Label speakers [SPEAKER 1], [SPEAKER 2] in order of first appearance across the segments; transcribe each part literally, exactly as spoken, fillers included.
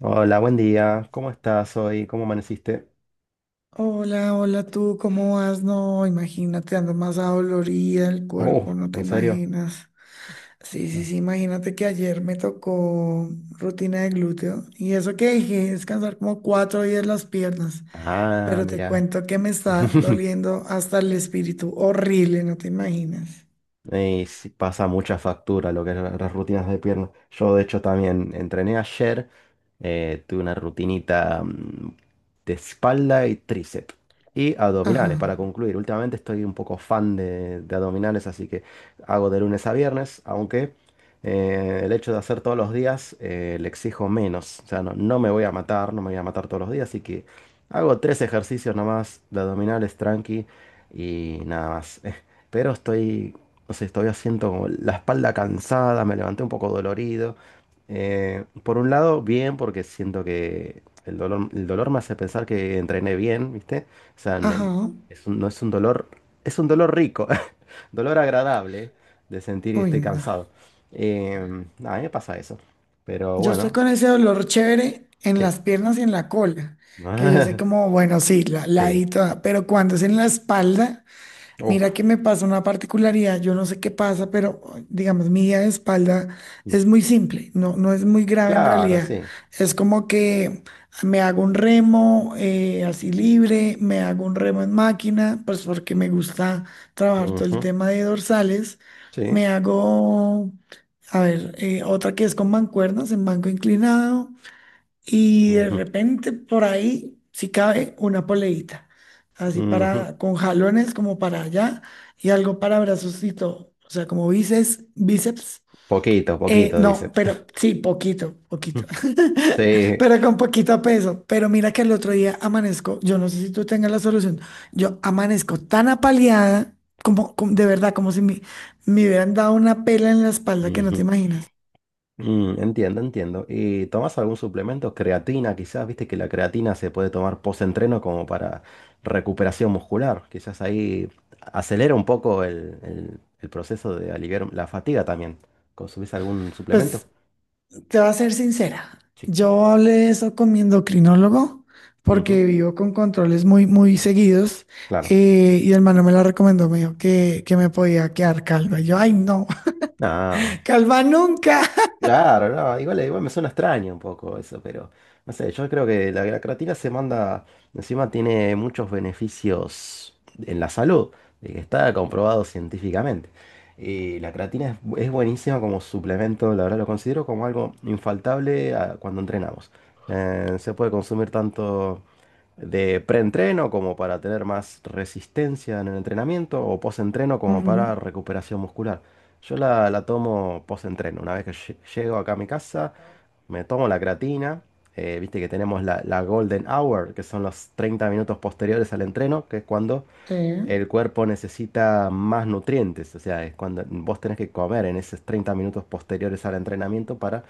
[SPEAKER 1] Hola, buen día. ¿Cómo estás hoy? ¿Cómo amaneciste?
[SPEAKER 2] Hola, hola tú, ¿cómo vas? No, imagínate, ando más adolorida el
[SPEAKER 1] Oh,
[SPEAKER 2] cuerpo, no te
[SPEAKER 1] ¿en serio?
[SPEAKER 2] imaginas. Sí, sí,
[SPEAKER 1] No.
[SPEAKER 2] sí, imagínate que ayer me tocó rutina de glúteo y eso que dije, descansar como cuatro días las piernas,
[SPEAKER 1] Ah,
[SPEAKER 2] pero te
[SPEAKER 1] mira.
[SPEAKER 2] cuento que me está doliendo hasta el espíritu, horrible, no te imaginas.
[SPEAKER 1] Y sí, pasa mucha factura lo que es la- las rutinas de pierna. Yo, de hecho, también entrené ayer. Eh, tuve una rutinita mm, de espalda y tríceps. Y
[SPEAKER 2] Ajá,
[SPEAKER 1] abdominales, para concluir. Últimamente estoy un poco fan de, de abdominales, así que hago de lunes a viernes, aunque eh, el hecho de hacer todos los días eh, le exijo menos. O sea, no, no me voy a matar, no me voy a matar todos los días, así que hago tres ejercicios nomás de abdominales tranqui y nada más. Pero estoy, no sé, todavía siento como la espalda cansada, me levanté un poco dolorido. Eh, por un lado, bien, porque siento que el dolor, el dolor me hace pensar que entrené bien, ¿viste? O sea, no
[SPEAKER 2] ajá,
[SPEAKER 1] es un, no es un dolor, es un dolor rico, dolor agradable de sentir que
[SPEAKER 2] uy,
[SPEAKER 1] estoy
[SPEAKER 2] no.
[SPEAKER 1] cansado. Eh, a mí me pasa eso, pero
[SPEAKER 2] Yo estoy
[SPEAKER 1] bueno,
[SPEAKER 2] con ese dolor chévere en
[SPEAKER 1] sí.
[SPEAKER 2] las piernas y en la cola, que yo sé como, bueno, sí, la, la
[SPEAKER 1] Sí.
[SPEAKER 2] ladito, toda. Pero cuando es en la espalda. Mira que
[SPEAKER 1] Uf.
[SPEAKER 2] me pasa una particularidad, yo no sé qué pasa, pero digamos, mi día de espalda es muy simple, no, no es muy grave en
[SPEAKER 1] Claro,
[SPEAKER 2] realidad.
[SPEAKER 1] sí.
[SPEAKER 2] Es como que me hago un remo eh, así libre, me hago un remo en máquina, pues porque me gusta trabajar todo el
[SPEAKER 1] Ujú.
[SPEAKER 2] tema de dorsales.
[SPEAKER 1] Sí.
[SPEAKER 2] Me hago, a ver, eh, otra que es con mancuernas en banco inclinado. Y de
[SPEAKER 1] Ujú,
[SPEAKER 2] repente por ahí, si cabe, una poleita. Así
[SPEAKER 1] ujú.
[SPEAKER 2] para, con jalones como para allá y algo para brazos y todo. O sea, como bíceps, bíceps.
[SPEAKER 1] Poquito,
[SPEAKER 2] Eh,
[SPEAKER 1] poquito,
[SPEAKER 2] no,
[SPEAKER 1] bíceps.
[SPEAKER 2] pero sí, poquito, poquito.
[SPEAKER 1] Sí.
[SPEAKER 2] Pero con poquito peso. Pero mira que el otro día amanezco, yo no sé si tú tengas la solución. Yo amanezco tan apaleada, como, como- de verdad, como si me, me hubieran dado una pela en la espalda que no te
[SPEAKER 1] Ujú.
[SPEAKER 2] imaginas.
[SPEAKER 1] Mm, entiendo, entiendo. ¿Y tomas algún suplemento? Creatina, quizás, viste que la creatina se puede tomar post-entreno como para recuperación muscular. Quizás ahí acelera un poco el, el- el proceso de aliviar la fatiga también. ¿Consumís algún suplemento?
[SPEAKER 2] Pues te voy a ser sincera,
[SPEAKER 1] Sí.
[SPEAKER 2] yo hablé de eso con mi endocrinólogo
[SPEAKER 1] Ujú.
[SPEAKER 2] porque vivo con controles muy, muy seguidos,
[SPEAKER 1] Claro.
[SPEAKER 2] eh, y el hermano me la recomendó, me dijo que, que me podía quedar calva. Y yo, ay, no,
[SPEAKER 1] Ah,
[SPEAKER 2] calva nunca.
[SPEAKER 1] claro, no, igual, igual me suena extraño un poco eso, pero no sé, yo creo que la, la creatina se manda, encima tiene muchos beneficios en la salud, de que está comprobado científicamente. Y la creatina es, bu- es buenísima como suplemento, la verdad lo considero como algo infaltable a- cuando entrenamos. Eh, se puede consumir tanto de preentreno como para tener más resistencia en el entrenamiento o postentreno como
[SPEAKER 2] Ujú,
[SPEAKER 1] para recuperación muscular. Yo la, la tomo postentreno. Una vez que lle- llego acá a mi casa, me tomo la creatina. Eh, viste que tenemos la, la golden hour, que son los treinta minutos posteriores al entreno, que es cuando
[SPEAKER 2] sí,
[SPEAKER 1] el cuerpo necesita más nutrientes, o sea, es cuando vos tenés que comer en esos treinta minutos posteriores al entrenamiento para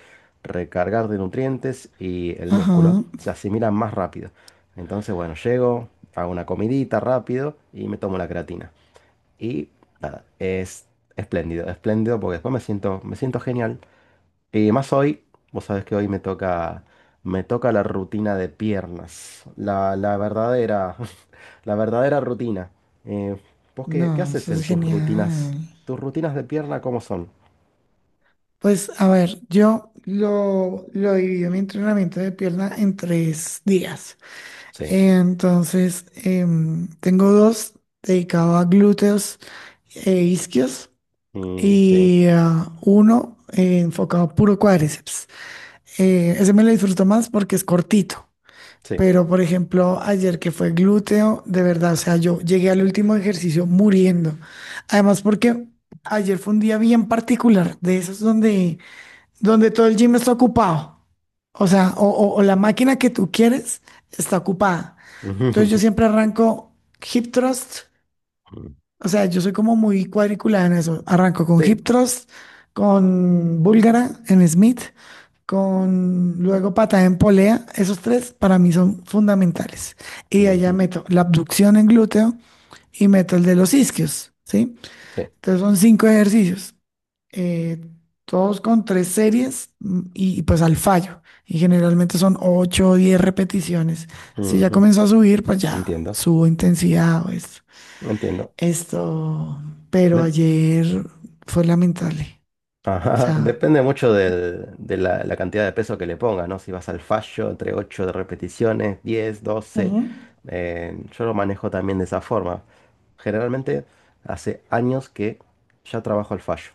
[SPEAKER 1] recargar de nutrientes y el músculo
[SPEAKER 2] ajá,
[SPEAKER 1] se asimila más rápido. Entonces, bueno, llego, hago una comidita rápido y me tomo la creatina. Y nada, es espléndido, espléndido porque después me siento, me siento genial y más hoy, vos sabés que hoy me toca, me toca la rutina de piernas, la, la verdadera, la verdadera rutina. Eh, ¿vos qué, qué
[SPEAKER 2] no,
[SPEAKER 1] haces
[SPEAKER 2] eso
[SPEAKER 1] en
[SPEAKER 2] es
[SPEAKER 1] tus rutinas?
[SPEAKER 2] genial.
[SPEAKER 1] ¿Tus rutinas de pierna cómo son?
[SPEAKER 2] Pues a ver, yo lo, lo divido mi entrenamiento de pierna en tres días.
[SPEAKER 1] Sí,
[SPEAKER 2] Entonces, em, tengo dos dedicados a glúteos e isquios.
[SPEAKER 1] mm, sí,
[SPEAKER 2] Y ah, uno eh, enfocado puro cuádriceps. Eh, ese me lo disfruto más porque es cortito,
[SPEAKER 1] sí.
[SPEAKER 2] pero por ejemplo, ayer que fue glúteo, de verdad, o sea, yo llegué al último ejercicio muriendo. Además, porque ayer fue un día bien particular, de esos donde, donde todo el gym está ocupado. O sea, o, o- o la máquina que tú quieres está ocupada. Entonces yo siempre arranco hip thrust, o sea, yo soy como muy cuadriculada en eso. Arranco con
[SPEAKER 1] Sí,
[SPEAKER 2] Hip Thrust, con Búlgara en Smith, con luego patada en polea. Esos tres para mí son fundamentales. Y allá
[SPEAKER 1] ujú,
[SPEAKER 2] meto la abducción en glúteo y meto el de los isquios, ¿sí?
[SPEAKER 1] sí.
[SPEAKER 2] Entonces son cinco ejercicios, eh, todos con tres series, mm, y, y pues al fallo. Y generalmente son ocho o diez repeticiones. Si ya
[SPEAKER 1] Ujú.
[SPEAKER 2] comenzó a subir, pues ya
[SPEAKER 1] Entiendo,
[SPEAKER 2] subo intensidad o eso.
[SPEAKER 1] entiendo.
[SPEAKER 2] Esto, pero ayer fue lamentable. O
[SPEAKER 1] Ajá,
[SPEAKER 2] sea.
[SPEAKER 1] depende mucho del- de la, la cantidad de peso que le pongas, ¿no? Si vas al fallo, entre ocho de repeticiones, diez, doce,
[SPEAKER 2] Ujú.
[SPEAKER 1] eh, yo lo manejo también de esa forma. Generalmente hace años que ya trabajo al fallo.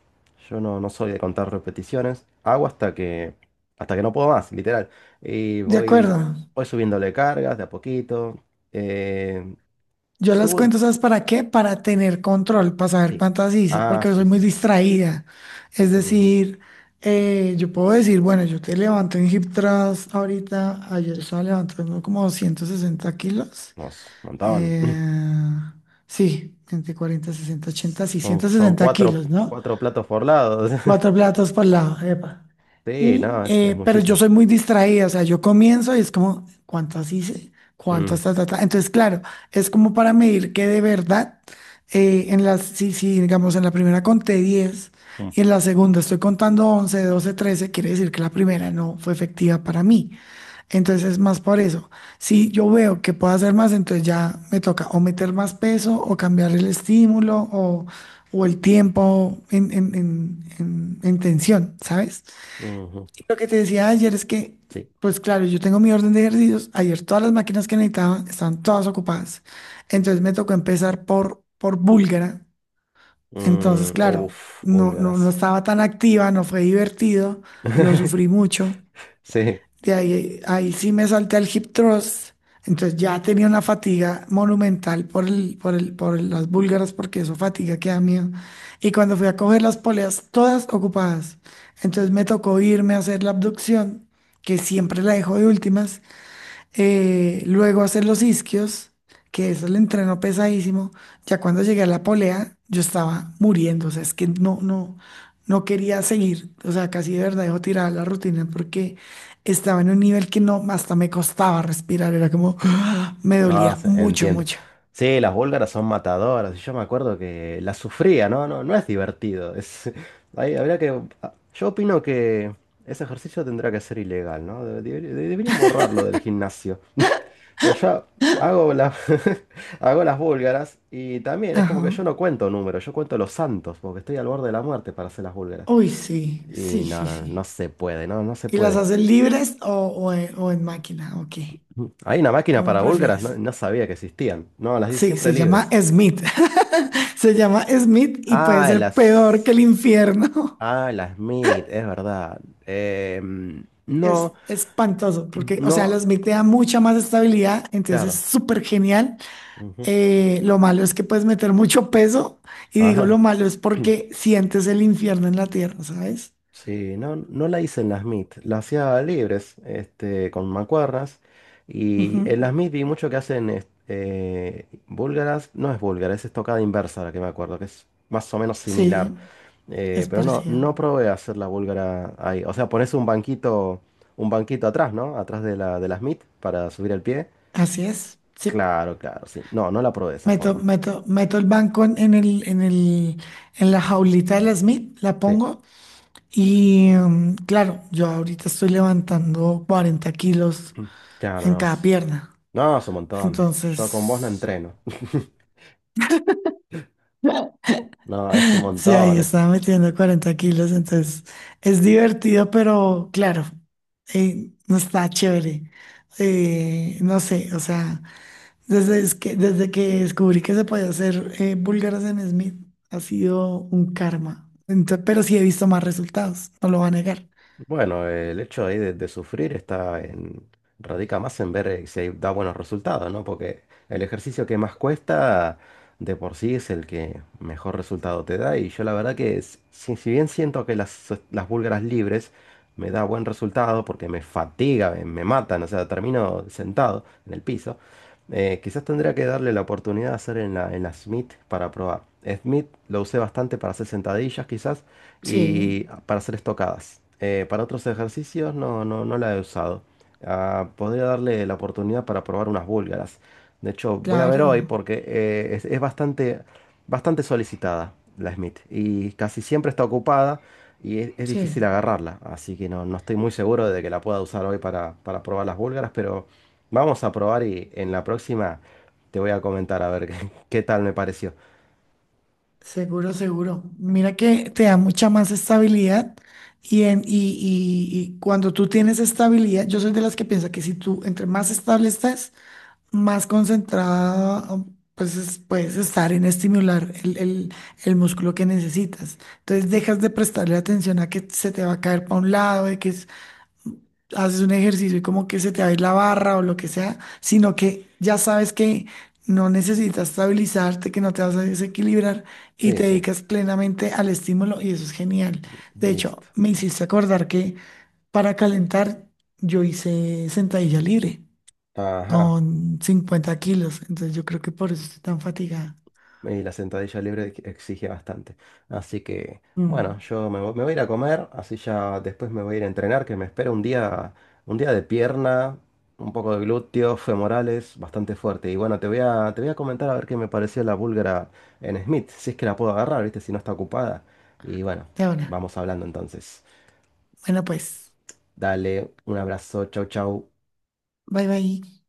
[SPEAKER 1] Yo no, no soy de contar repeticiones, hago hasta que, hasta que no puedo más, literal. Y
[SPEAKER 2] De
[SPEAKER 1] voy,
[SPEAKER 2] acuerdo.
[SPEAKER 1] voy subiéndole cargas de a poquito. Eh,
[SPEAKER 2] Yo las
[SPEAKER 1] subo...
[SPEAKER 2] cuento, ¿sabes para qué? Para tener control, para saber
[SPEAKER 1] Sí.
[SPEAKER 2] cuántas hice,
[SPEAKER 1] Ah,
[SPEAKER 2] porque yo
[SPEAKER 1] sí,
[SPEAKER 2] soy muy
[SPEAKER 1] sí.
[SPEAKER 2] distraída. Es
[SPEAKER 1] Ujú.
[SPEAKER 2] decir, eh, yo puedo decir, bueno, yo te levanto en hip thrust ahorita, ayer estaba levantando como doscientos sesenta kilos.
[SPEAKER 1] Nos, montón.
[SPEAKER 2] Eh, sí, entre cuarenta, sesenta, ochenta, sí,
[SPEAKER 1] Son,
[SPEAKER 2] ciento
[SPEAKER 1] son
[SPEAKER 2] sesenta
[SPEAKER 1] cuatro,
[SPEAKER 2] kilos, ¿no?
[SPEAKER 1] cuatro platos por lado.
[SPEAKER 2] Cuatro platos por lado, epa.
[SPEAKER 1] Sí,
[SPEAKER 2] Y,
[SPEAKER 1] no, es, es
[SPEAKER 2] eh, pero yo
[SPEAKER 1] muchísimo.
[SPEAKER 2] soy muy distraída, o sea, yo comienzo y es como, ¿cuántas hice?
[SPEAKER 1] Mm,
[SPEAKER 2] ¿Cuántas? ¿Ta, ta, ta? Entonces, claro, es como para medir que de verdad, eh, en las, si, si, digamos, en la primera conté diez
[SPEAKER 1] mm,
[SPEAKER 2] y en la segunda estoy contando once, doce, trece, quiere decir que la primera no fue efectiva para mí. Entonces es más por eso. Si yo veo que puedo hacer más, entonces ya me toca o meter más peso o cambiar el estímulo o, o el tiempo en, en, en, en- en tensión, ¿sabes?
[SPEAKER 1] ujú,
[SPEAKER 2] Y lo que te decía ayer es que,
[SPEAKER 1] sí.
[SPEAKER 2] pues claro, yo tengo mi orden de ejercicios. Ayer todas las máquinas que necesitaba estaban todas ocupadas. Entonces me tocó empezar por, por búlgara. Entonces,
[SPEAKER 1] Mm,
[SPEAKER 2] claro,
[SPEAKER 1] uf,
[SPEAKER 2] no, no, no
[SPEAKER 1] búlgaras.
[SPEAKER 2] estaba tan activa, no fue divertido, lo sufrí mucho.
[SPEAKER 1] Sí,
[SPEAKER 2] De ahí, ahí sí me salté al hip thrust. Entonces ya tenía una fatiga monumental por el, por el, por el- las búlgaras, porque eso fatiga que da miedo. Y cuando fui a coger las poleas, todas ocupadas. Entonces me tocó irme a hacer la abducción, que siempre la dejo de últimas, eh, luego hacer los isquios, que eso el entreno pesadísimo. Ya cuando llegué a la polea, yo estaba muriendo, o sea, es que no, no, no quería seguir, o sea, casi de verdad dejo tirada la rutina porque estaba en un nivel que no, hasta me costaba respirar, era como, me
[SPEAKER 1] ah,
[SPEAKER 2] dolía
[SPEAKER 1] sí,
[SPEAKER 2] mucho,
[SPEAKER 1] entiendo.
[SPEAKER 2] mucho.
[SPEAKER 1] Sí, las búlgaras son matadoras. Y yo me acuerdo que las sufría, ¿no? No, no es divertido. Es, ahí habría que. Ah, yo opino que ese ejercicio tendrá que ser ilegal, ¿no? Debe- debe- Deberían borrarlo del gimnasio. Pues yo hago, la- hago las búlgaras y también es como que
[SPEAKER 2] Ajá.
[SPEAKER 1] yo no cuento números, yo cuento los santos, porque estoy al borde de la muerte para hacer las búlgaras.
[SPEAKER 2] Uy, sí,
[SPEAKER 1] Y
[SPEAKER 2] sí,
[SPEAKER 1] no,
[SPEAKER 2] sí,
[SPEAKER 1] no, no
[SPEAKER 2] sí.
[SPEAKER 1] se puede, no, no se
[SPEAKER 2] ¿Y las
[SPEAKER 1] puede.
[SPEAKER 2] haces libres o, o en, o en máquina? Ok,
[SPEAKER 1] Hay una máquina
[SPEAKER 2] ¿cómo
[SPEAKER 1] para búlgaras, no,
[SPEAKER 2] prefieres?
[SPEAKER 1] no sabía que existían. No, las di
[SPEAKER 2] Sí,
[SPEAKER 1] siempre
[SPEAKER 2] se llama
[SPEAKER 1] libres.
[SPEAKER 2] Smith. Se llama Smith y puede
[SPEAKER 1] Ah,
[SPEAKER 2] ser peor que el
[SPEAKER 1] las...
[SPEAKER 2] infierno.
[SPEAKER 1] Ah, las Smith, es verdad. Em, no,
[SPEAKER 2] Es espantoso porque, o sea, los
[SPEAKER 1] no,
[SPEAKER 2] Smith te da mucha más estabilidad, entonces es
[SPEAKER 1] claro.
[SPEAKER 2] súper genial.
[SPEAKER 1] Ujú.
[SPEAKER 2] Eh, lo malo es que puedes meter mucho peso y digo lo
[SPEAKER 1] Ajá.
[SPEAKER 2] malo es porque sientes el infierno en la tierra, ¿sabes?
[SPEAKER 1] Sí, no, no la hice en las M I T, la hacía libres, este, con mancuernas. Y en las
[SPEAKER 2] Ujú.
[SPEAKER 1] M I T vi mucho que hacen es- eh, búlgaras, no es búlgara, es estocada inversa la que me acuerdo, que es más o menos
[SPEAKER 2] Sí,
[SPEAKER 1] similar. Eh,
[SPEAKER 2] es
[SPEAKER 1] pero no,
[SPEAKER 2] parecido.
[SPEAKER 1] no probé hacer la búlgara ahí. O sea, pones un banquito, un banquito atrás, ¿no? Atrás de la, de las M I T para subir el pie.
[SPEAKER 2] Así es. Sí,
[SPEAKER 1] Claro, claro, sí. No, no la probé de esa
[SPEAKER 2] meto,
[SPEAKER 1] forma.
[SPEAKER 2] meto, meto el banco en en el, en el, en la jaulita de la Smith, la
[SPEAKER 1] Sí,
[SPEAKER 2] pongo. Y mm, claro, yo ahorita estoy levantando cuarenta kilos
[SPEAKER 1] mm, claro,
[SPEAKER 2] en
[SPEAKER 1] no.
[SPEAKER 2] cada
[SPEAKER 1] Es-
[SPEAKER 2] pierna.
[SPEAKER 1] no, es un montón. Yo con vos no
[SPEAKER 2] Entonces,
[SPEAKER 1] entreno. No, es un
[SPEAKER 2] sí, ahí
[SPEAKER 1] montón eso.
[SPEAKER 2] estaba metiendo cuarenta kilos. Entonces, es divertido, pero claro, eh, no está chévere. Eh, no sé, o sea, desde es que, desde que descubrí que se podía hacer eh, búlgaras en Smith, ha sido un karma. Entonces, pero sí he visto más resultados, no lo voy a negar.
[SPEAKER 1] Bueno, eh, el hecho ahí de, de sufrir está en, radica más en ver eh, si hay- da buenos resultados, ¿no? Porque el ejercicio que más cuesta de por sí es el que mejor resultado te da. Y yo la verdad que s- si, si bien siento que las, so, las búlgaras libres me da buen resultado porque me fatiga, me, me matan, o sea, termino sentado en el piso, eh, quizás tendría que darle la oportunidad de hacer en la, en la Smith para probar. Smith lo usé bastante para hacer sentadillas quizás,
[SPEAKER 2] Sí,
[SPEAKER 1] y para hacer estocadas. Eh, para otros ejercicios no, no, no la he usado. Ah, podría darle la oportunidad para probar unas búlgaras. De hecho, voy a ver hoy
[SPEAKER 2] claro,
[SPEAKER 1] porque eh, es, es bastante, bastante solicitada la Smith y casi siempre está ocupada y es, es difícil
[SPEAKER 2] sí.
[SPEAKER 1] agarrarla. Así que no, no estoy muy seguro de que la pueda usar hoy para, para probar las búlgaras, pero vamos a probar y en la próxima te voy a comentar a ver qué, qué tal me pareció.
[SPEAKER 2] Seguro, seguro. Mira que te da mucha más estabilidad y, en, y, y- y cuando tú tienes estabilidad, yo soy de las que piensa que si tú entre más estable estás, más concentrada, um, pues es- puedes estar en estimular el, el- el músculo que necesitas. Entonces dejas de prestarle atención a que se te va a caer para un lado, de que haces un ejercicio y como que se te va a ir la barra o lo que sea, sino que ya sabes que no necesitas estabilizarte, que no te vas a desequilibrar y
[SPEAKER 1] Sí,
[SPEAKER 2] te
[SPEAKER 1] sí,
[SPEAKER 2] dedicas plenamente al estímulo y eso es genial. De hecho,
[SPEAKER 1] listo.
[SPEAKER 2] me hiciste acordar que para calentar yo hice sentadilla libre
[SPEAKER 1] Ajá.
[SPEAKER 2] con cincuenta kilos, entonces yo creo que por eso estoy tan fatigada.
[SPEAKER 1] Y la sentadilla libre ex- exige bastante. Así que, bueno,
[SPEAKER 2] Mm.
[SPEAKER 1] yo me, vo- me voy a ir a comer, así ya después me voy a ir a entrenar, que me espera un día, un día de pierna, un poco de glúteos, femorales, bastante fuerte. Y bueno, te voy a, te voy a comentar a ver qué me pareció la búlgara en Smith, si es que la puedo agarrar, ¿viste? Si no está ocupada. Y bueno,
[SPEAKER 2] De ahora.
[SPEAKER 1] vamos hablando entonces.
[SPEAKER 2] Bueno, pues,
[SPEAKER 1] Dale, un abrazo, chau, chau.
[SPEAKER 2] bye bye.